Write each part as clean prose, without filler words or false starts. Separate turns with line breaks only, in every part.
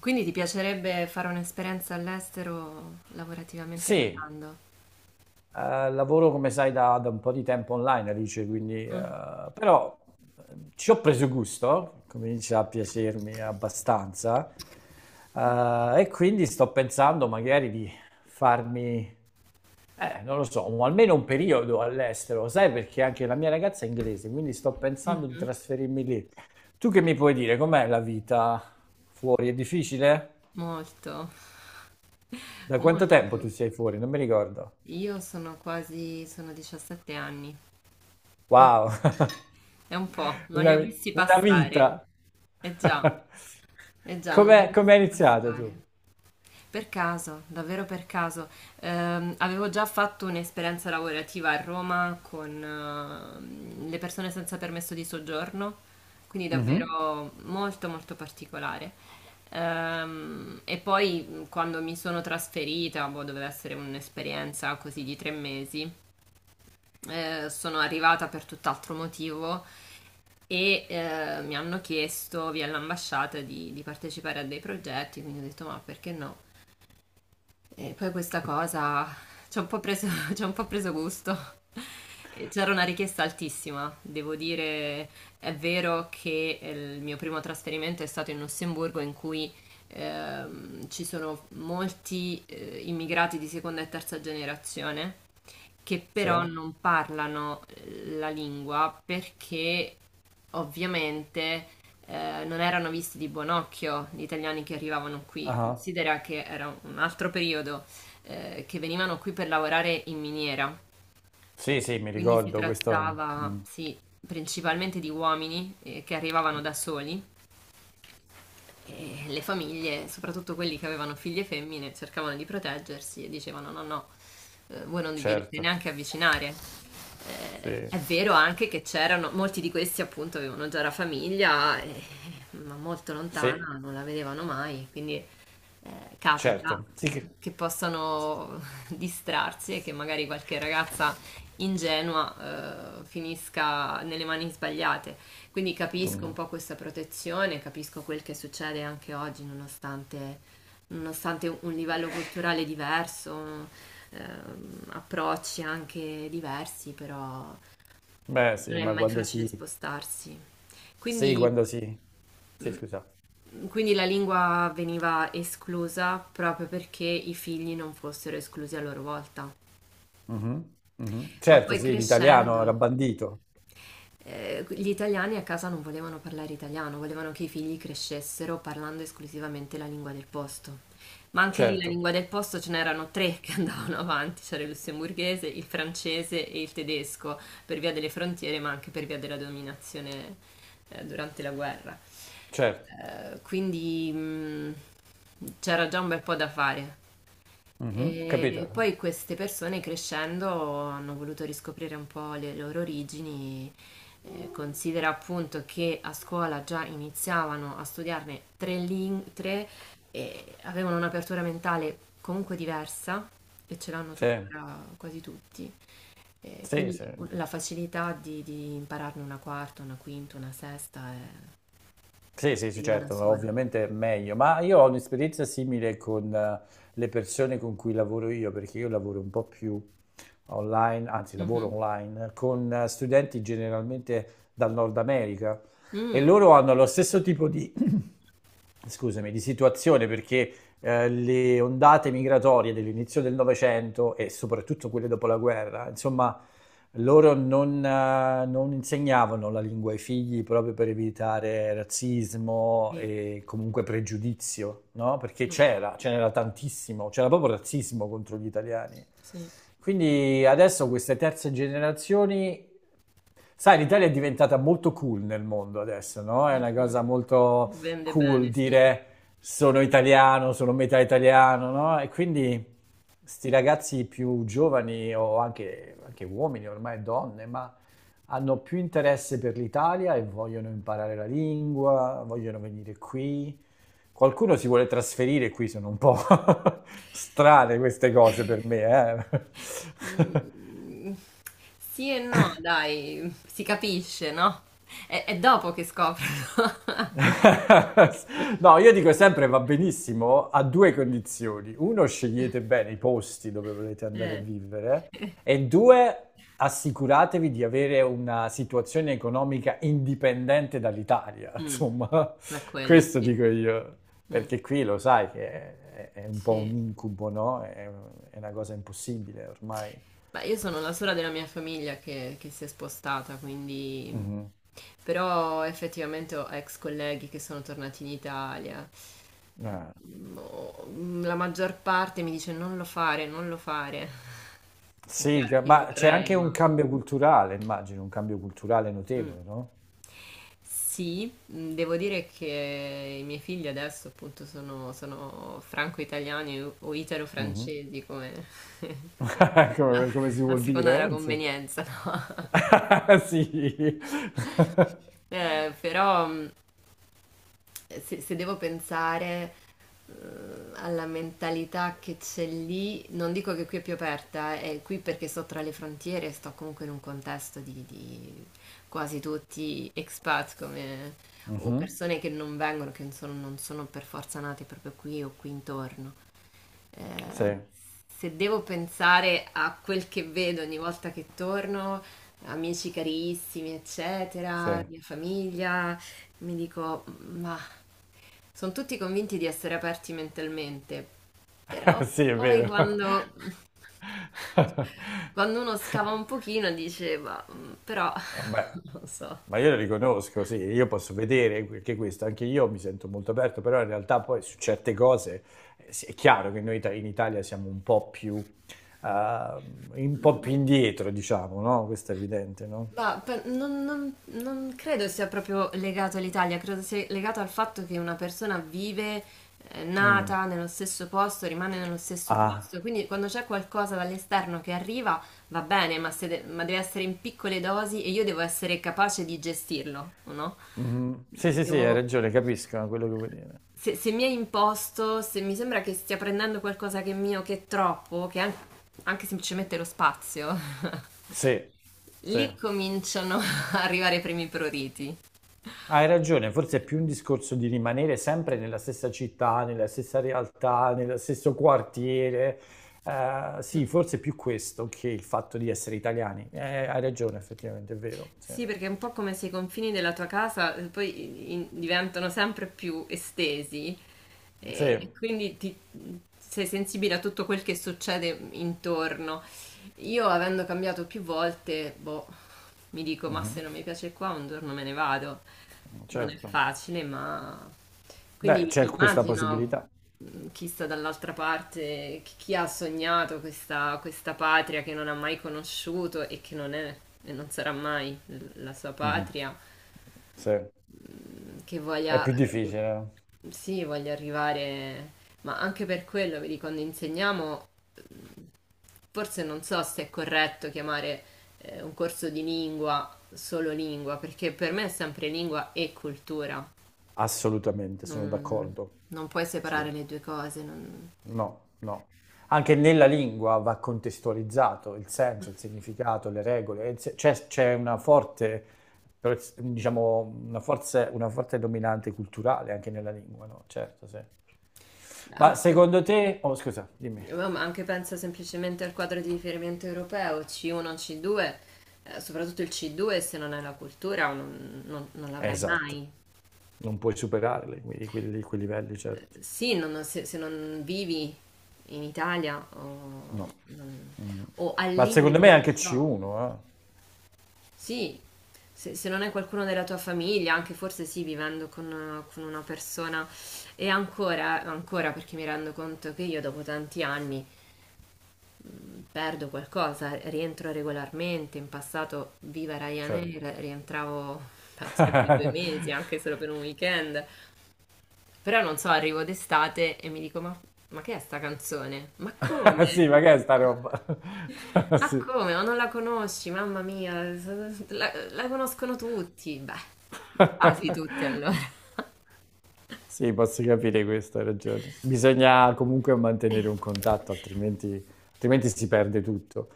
Quindi ti piacerebbe fare un'esperienza all'estero lavorativamente
Sì,
parlando?
lavoro come sai da un po' di tempo online, Alice, quindi
Mh,
però ci ho preso gusto, comincia a piacermi abbastanza e quindi sto pensando magari di farmi, non lo so, almeno un periodo all'estero, sai perché anche la mia ragazza è inglese, quindi sto pensando di
mh-mh.
trasferirmi lì. Tu che mi puoi dire, com'è la vita fuori? È difficile?
Molto,
Da quanto tempo tu
molto.
sei fuori? Non mi ricordo.
Io sono quasi sono 17 anni. Mh,
Wow,
è un po', non li
una,
ho
vi-
visti
una
passare.
vita.
Eh già, non li ho
Com'è,
visti
com'è iniziato tu?
passare. Per caso, davvero per caso. Avevo già fatto un'esperienza lavorativa a Roma con le persone senza permesso di soggiorno, quindi
Mhm.
davvero molto molto particolare. E poi quando mi sono trasferita, boh, doveva essere un'esperienza così di 3 mesi, sono arrivata per tutt'altro motivo e mi hanno chiesto via l'ambasciata di partecipare a dei progetti, quindi ho detto ma perché no? E poi questa cosa ci ha un po' preso, ci ha un po' preso gusto. E c'era una richiesta altissima, devo dire, è vero che il mio primo trasferimento è stato in Lussemburgo in cui ci sono molti immigrati di seconda e terza generazione che
Sì?
però non parlano la lingua perché ovviamente non erano visti di buon occhio gli italiani che arrivavano qui.
Ah.
Considera che era un altro periodo che venivano qui per lavorare in miniera,
Sì,
eh,
sì, mi
quindi si
ricordo questo.
trattava,
Mm,
sì, principalmente di uomini che arrivavano da soli e le famiglie, soprattutto quelli che avevano figlie femmine, cercavano di proteggersi e dicevano: No, no, voi non vi dovete
certo,
neanche avvicinare.
sì,
È vero anche che c'erano, molti di questi appunto avevano già la famiglia, ma molto
sì,
lontana, non la vedevano mai, quindi capita
certo. Sì.
che possano distrarsi e che magari qualche ragazza ingenua finisca nelle mani sbagliate. Quindi capisco un
Mm,
po' questa protezione, capisco quel che succede anche oggi, nonostante, nonostante un livello culturale diverso, approcci anche diversi, però
beh,
non
sì,
è
ma
mai facile spostarsi. Quindi
Quando si... Sì, scusa.
quindi la lingua veniva esclusa proprio perché i figli non fossero esclusi a loro volta.
Mhm, mhm.
Ma
Certo,
poi
sì, l'italiano era
crescendo,
bandito.
gli italiani a casa non volevano parlare italiano, volevano che i figli crescessero parlando esclusivamente la lingua del posto. Ma anche lì la
Certo,
lingua del posto ce n'erano tre che andavano avanti, c'era il lussemburghese, il francese e il tedesco, per via delle frontiere, ma anche per via della dominazione durante la guerra.
certo.
Quindi c'era già un bel po' da fare.
Mhm,
E
capito?
poi queste persone crescendo hanno voluto riscoprire un po' le loro origini. Considera appunto che a scuola già iniziavano a studiarne tre lingue, tre, e avevano un'apertura mentale comunque diversa e ce l'hanno
Sì,
tuttora quasi tutti.
sì,
Quindi
sì.
la facilità di impararne una quarta, una quinta, una sesta
Sì, sì, sì,
veniva da
certo,
sola.
ovviamente è meglio, ma io ho un'esperienza simile con le persone con cui lavoro io, perché io lavoro un po' più online, anzi lavoro
Mhm.
online, con studenti generalmente dal Nord America e
Mm.
loro hanno lo stesso tipo di, scusami, di situazione perché le ondate migratorie dell'inizio del Novecento e soprattutto quelle dopo la guerra, insomma, loro non insegnavano la lingua ai figli proprio per evitare razzismo
Sì.
e comunque pregiudizio, no? Perché
Mm.
c'era, ce n'era tantissimo, c'era proprio razzismo contro gli italiani.
Sì.
Quindi adesso queste terze generazioni, sai, l'Italia è diventata molto cool nel mondo adesso, no? È una
Mh-mh.
cosa molto
Vende
cool
bene, sì.
dire sono italiano, sono metà italiano, no? E quindi sti ragazzi più giovani o anche uomini, ormai donne, ma hanno più interesse per l'Italia e vogliono imparare la lingua, vogliono venire qui. Qualcuno si vuole trasferire qui, sono un po' strane queste cose per me, eh.
Mhmm, sì e no dai, si capisce, no, è dopo che scoprono.
No, io dico sempre va benissimo a due condizioni. Uno, scegliete bene i posti dove volete andare a
Eh.
vivere
Eh.
e due, assicuratevi di avere una situazione economica indipendente dall'Italia.
Mh.
Insomma,
Ma quello
questo
sì.
dico io,
Mh,
perché qui lo sai che è un po' un
sì.
incubo, no? È una cosa impossibile ormai.
Beh, io sono la sola della mia famiglia che si è spostata, quindi...
Mhm.
Però effettivamente ho ex colleghi che sono tornati in Italia.
Eh,
Mm, la maggior parte mi dice non lo fare, non lo fare. È
sì,
chiaro che io
ma c'è anche
vorrei,
un
ma...
cambio culturale, immagino, un cambio culturale
Mm.
notevole, no?
Sì, mm, devo dire che i miei figli adesso appunto sono, sono franco-italiani o
Mhm.
italo-francesi, come a,
Come, come si
a
vuol
seconda
dire?
della
Insomma.
convenienza, no?
Sì.
Però se, se devo pensare eh, alla mentalità che c'è lì, non dico che qui è più aperta, è qui perché sto tra le frontiere e sto comunque in un contesto di quasi tutti expat come, o
Mhm.
persone che non vengono, che non sono, non sono per forza nate proprio qui o qui intorno.
Sì,
Eh, se devo pensare a quel che vedo ogni volta che torno, amici carissimi, eccetera,
sì.
mia famiglia, mi dico, ma sono tutti convinti di essere aperti mentalmente, però
Sì, è
poi
vero.
quando, quando uno scava un pochino dice, ma però
Vabbè,
non lo so.
ma io lo riconosco, sì, io posso vedere anche questo, anche io mi sento molto aperto, però in realtà poi su certe cose sì, è chiaro che noi in Italia siamo eh, un po' più indietro, diciamo, no? Questo è evidente, no?
Ma per- non, non- non credo sia proprio legato all'Italia, credo sia legato al fatto che una persona vive,
Mm.
nata nello stesso posto, rimane nello stesso
Ah.
posto, quindi quando c'è qualcosa dall'esterno che arriva va bene, ma, se de- ma deve essere in piccole dosi e io devo essere capace di gestirlo, o no?
Mhm. Sì, sì, sì, hai
Devo-
ragione, capisco quello che vuoi dire.
se, se mi è imposto, se mi sembra che stia prendendo qualcosa che è mio, che è troppo, che è an- anche semplicemente lo spazio,
Sì, sì,
lì cominciano a arrivare i primi pruriti.
hai ragione, forse è più un discorso di rimanere sempre nella stessa città, nella stessa realtà, nello stesso quartiere.
Mm.
Sì, forse è più questo che il fatto di essere italiani. Hai ragione, effettivamente, è vero. Sì,
Sì, perché è un po' come se i confini della tua casa poi in- diventano sempre più estesi
sì,
e quindi ti- sei sensibile a tutto quel che succede intorno. Io, avendo cambiato più volte, boh, mi dico, ma
mhm,
se non mi piace qua, un giorno me ne vado. Non è
certo.
facile, ma
Beh,
quindi
c'è questa
immagino
possibilità.
chi sta dall'altra parte, chi ha sognato questa, questa patria che non ha mai conosciuto e che non è e non sarà mai l- la sua
Mhm,
patria,
sì, è
che voglia,
più
u-
difficile,
sì, voglia arrivare, ma anche per quello, vedi, quando insegniamo, mh, forse non so se è corretto chiamare un corso di lingua solo lingua, perché per me è sempre lingua e cultura.
assolutamente, sono
Non,
d'accordo.
non puoi
Sì.
separare le due cose, non-
No, no. Anche nella lingua va contestualizzato il senso, il significato, le regole. Il se- C'è una forte, diciamo, una forte dominante culturale anche nella lingua, no? Certo, sì. Ma
anche, per-
secondo te... Oh, scusa, dimmi.
ma anche penso semplicemente al quadro di riferimento europeo, C1, C2, soprattutto il C2 se non hai la cultura non, non- non l'avrai
Esatto.
mai.
Non puoi superare quei livelli, certo.
Sì, non- se, se non vivi in Italia
No.
o, non-
Mm.
o al
Ma secondo
limite,
me
non
anche
so.
C1,
Sì, se, se non è qualcuno della tua famiglia, anche forse sì, vivendo con una persona. E ancora, ancora perché mi rendo conto che io dopo tanti anni perdo qualcosa, rientro regolarmente. In passato, viva
eh. Cioè...
Ryanair, rientravo penso di 2 mesi, anche solo per un weekend. Però non so, arrivo d'estate e mi dico: ma che è sta canzone? Ma come?
Sì, ma che è sta roba?
Ma
Sì.
come? Ma non la conosci? Mamma mia, s- s- la, la conoscono tutti. Beh, quasi tutti allora.
Sì, posso capire questo, hai ragione. Bisogna comunque mantenere un contatto, altrimenti, altrimenti si perde tutto.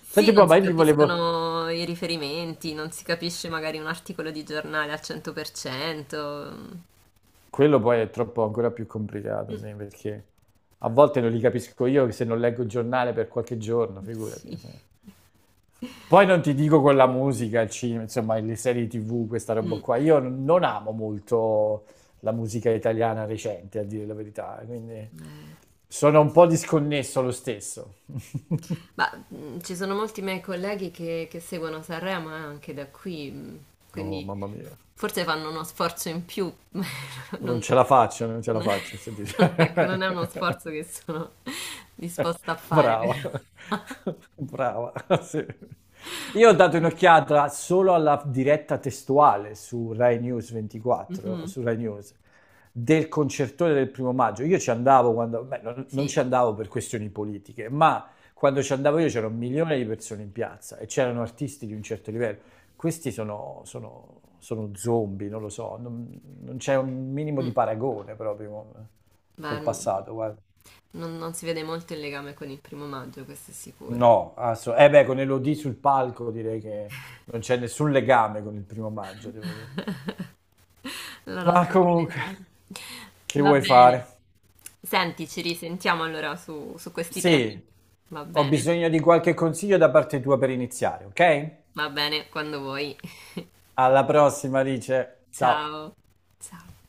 Sì,
Senti,
non
poi, ma
si
io ti volevo...
capiscono i riferimenti, non si capisce magari un articolo di giornale al 100%.
Quello poi è troppo ancora più complicato,
Mm,
sì, perché a volte non li capisco io se non leggo il giornale per qualche giorno, figurati.
sì.
Sì. Poi non ti dico con la musica, il cinema, insomma, le serie TV, questa roba
Mm.
qua. Io non amo molto la musica italiana recente, a dire la verità, quindi sono un po' disconnesso lo stesso.
Ma ci sono molti miei colleghi che seguono Sanremo anche da qui,
Oh,
quindi
mamma mia,
forse fanno uno sforzo in più, ma
non
non,
ce la faccio, non ce la
non-
faccio a sentire.
ecco, non è uno sforzo che sono disposta a fare, però.
Brava, brava, sì. Io ho dato un'occhiata solo alla diretta testuale su Rai News 24,
Mhm,
su Rai News, del concertone del primo maggio. Io ci andavo quando, beh, non
sì,
ci andavo per questioni politiche, ma quando ci andavo io c'era un milione di persone in piazza e c'erano artisti di un certo livello. Questi sono zombie, non lo so, non c'è un minimo di
mm,
paragone proprio
beh,
col
non,
passato, guarda.
non- non si vede molto il legame con il primo maggio, questo è sicuro.
No, eh beh, con Elodie sul palco direi che non c'è nessun legame con il primo maggio, devo dire.
La
Ma
notte
comunque,
proletaria.
che
Va
vuoi
bene.
fare?
Senti, ci risentiamo allora su, su questi temi.
Sì,
Va
ho
bene,
bisogno di qualche consiglio da parte tua per iniziare, ok?
va bene, quando vuoi.
Alla prossima, Alice. Ciao.
Ciao. Ciao.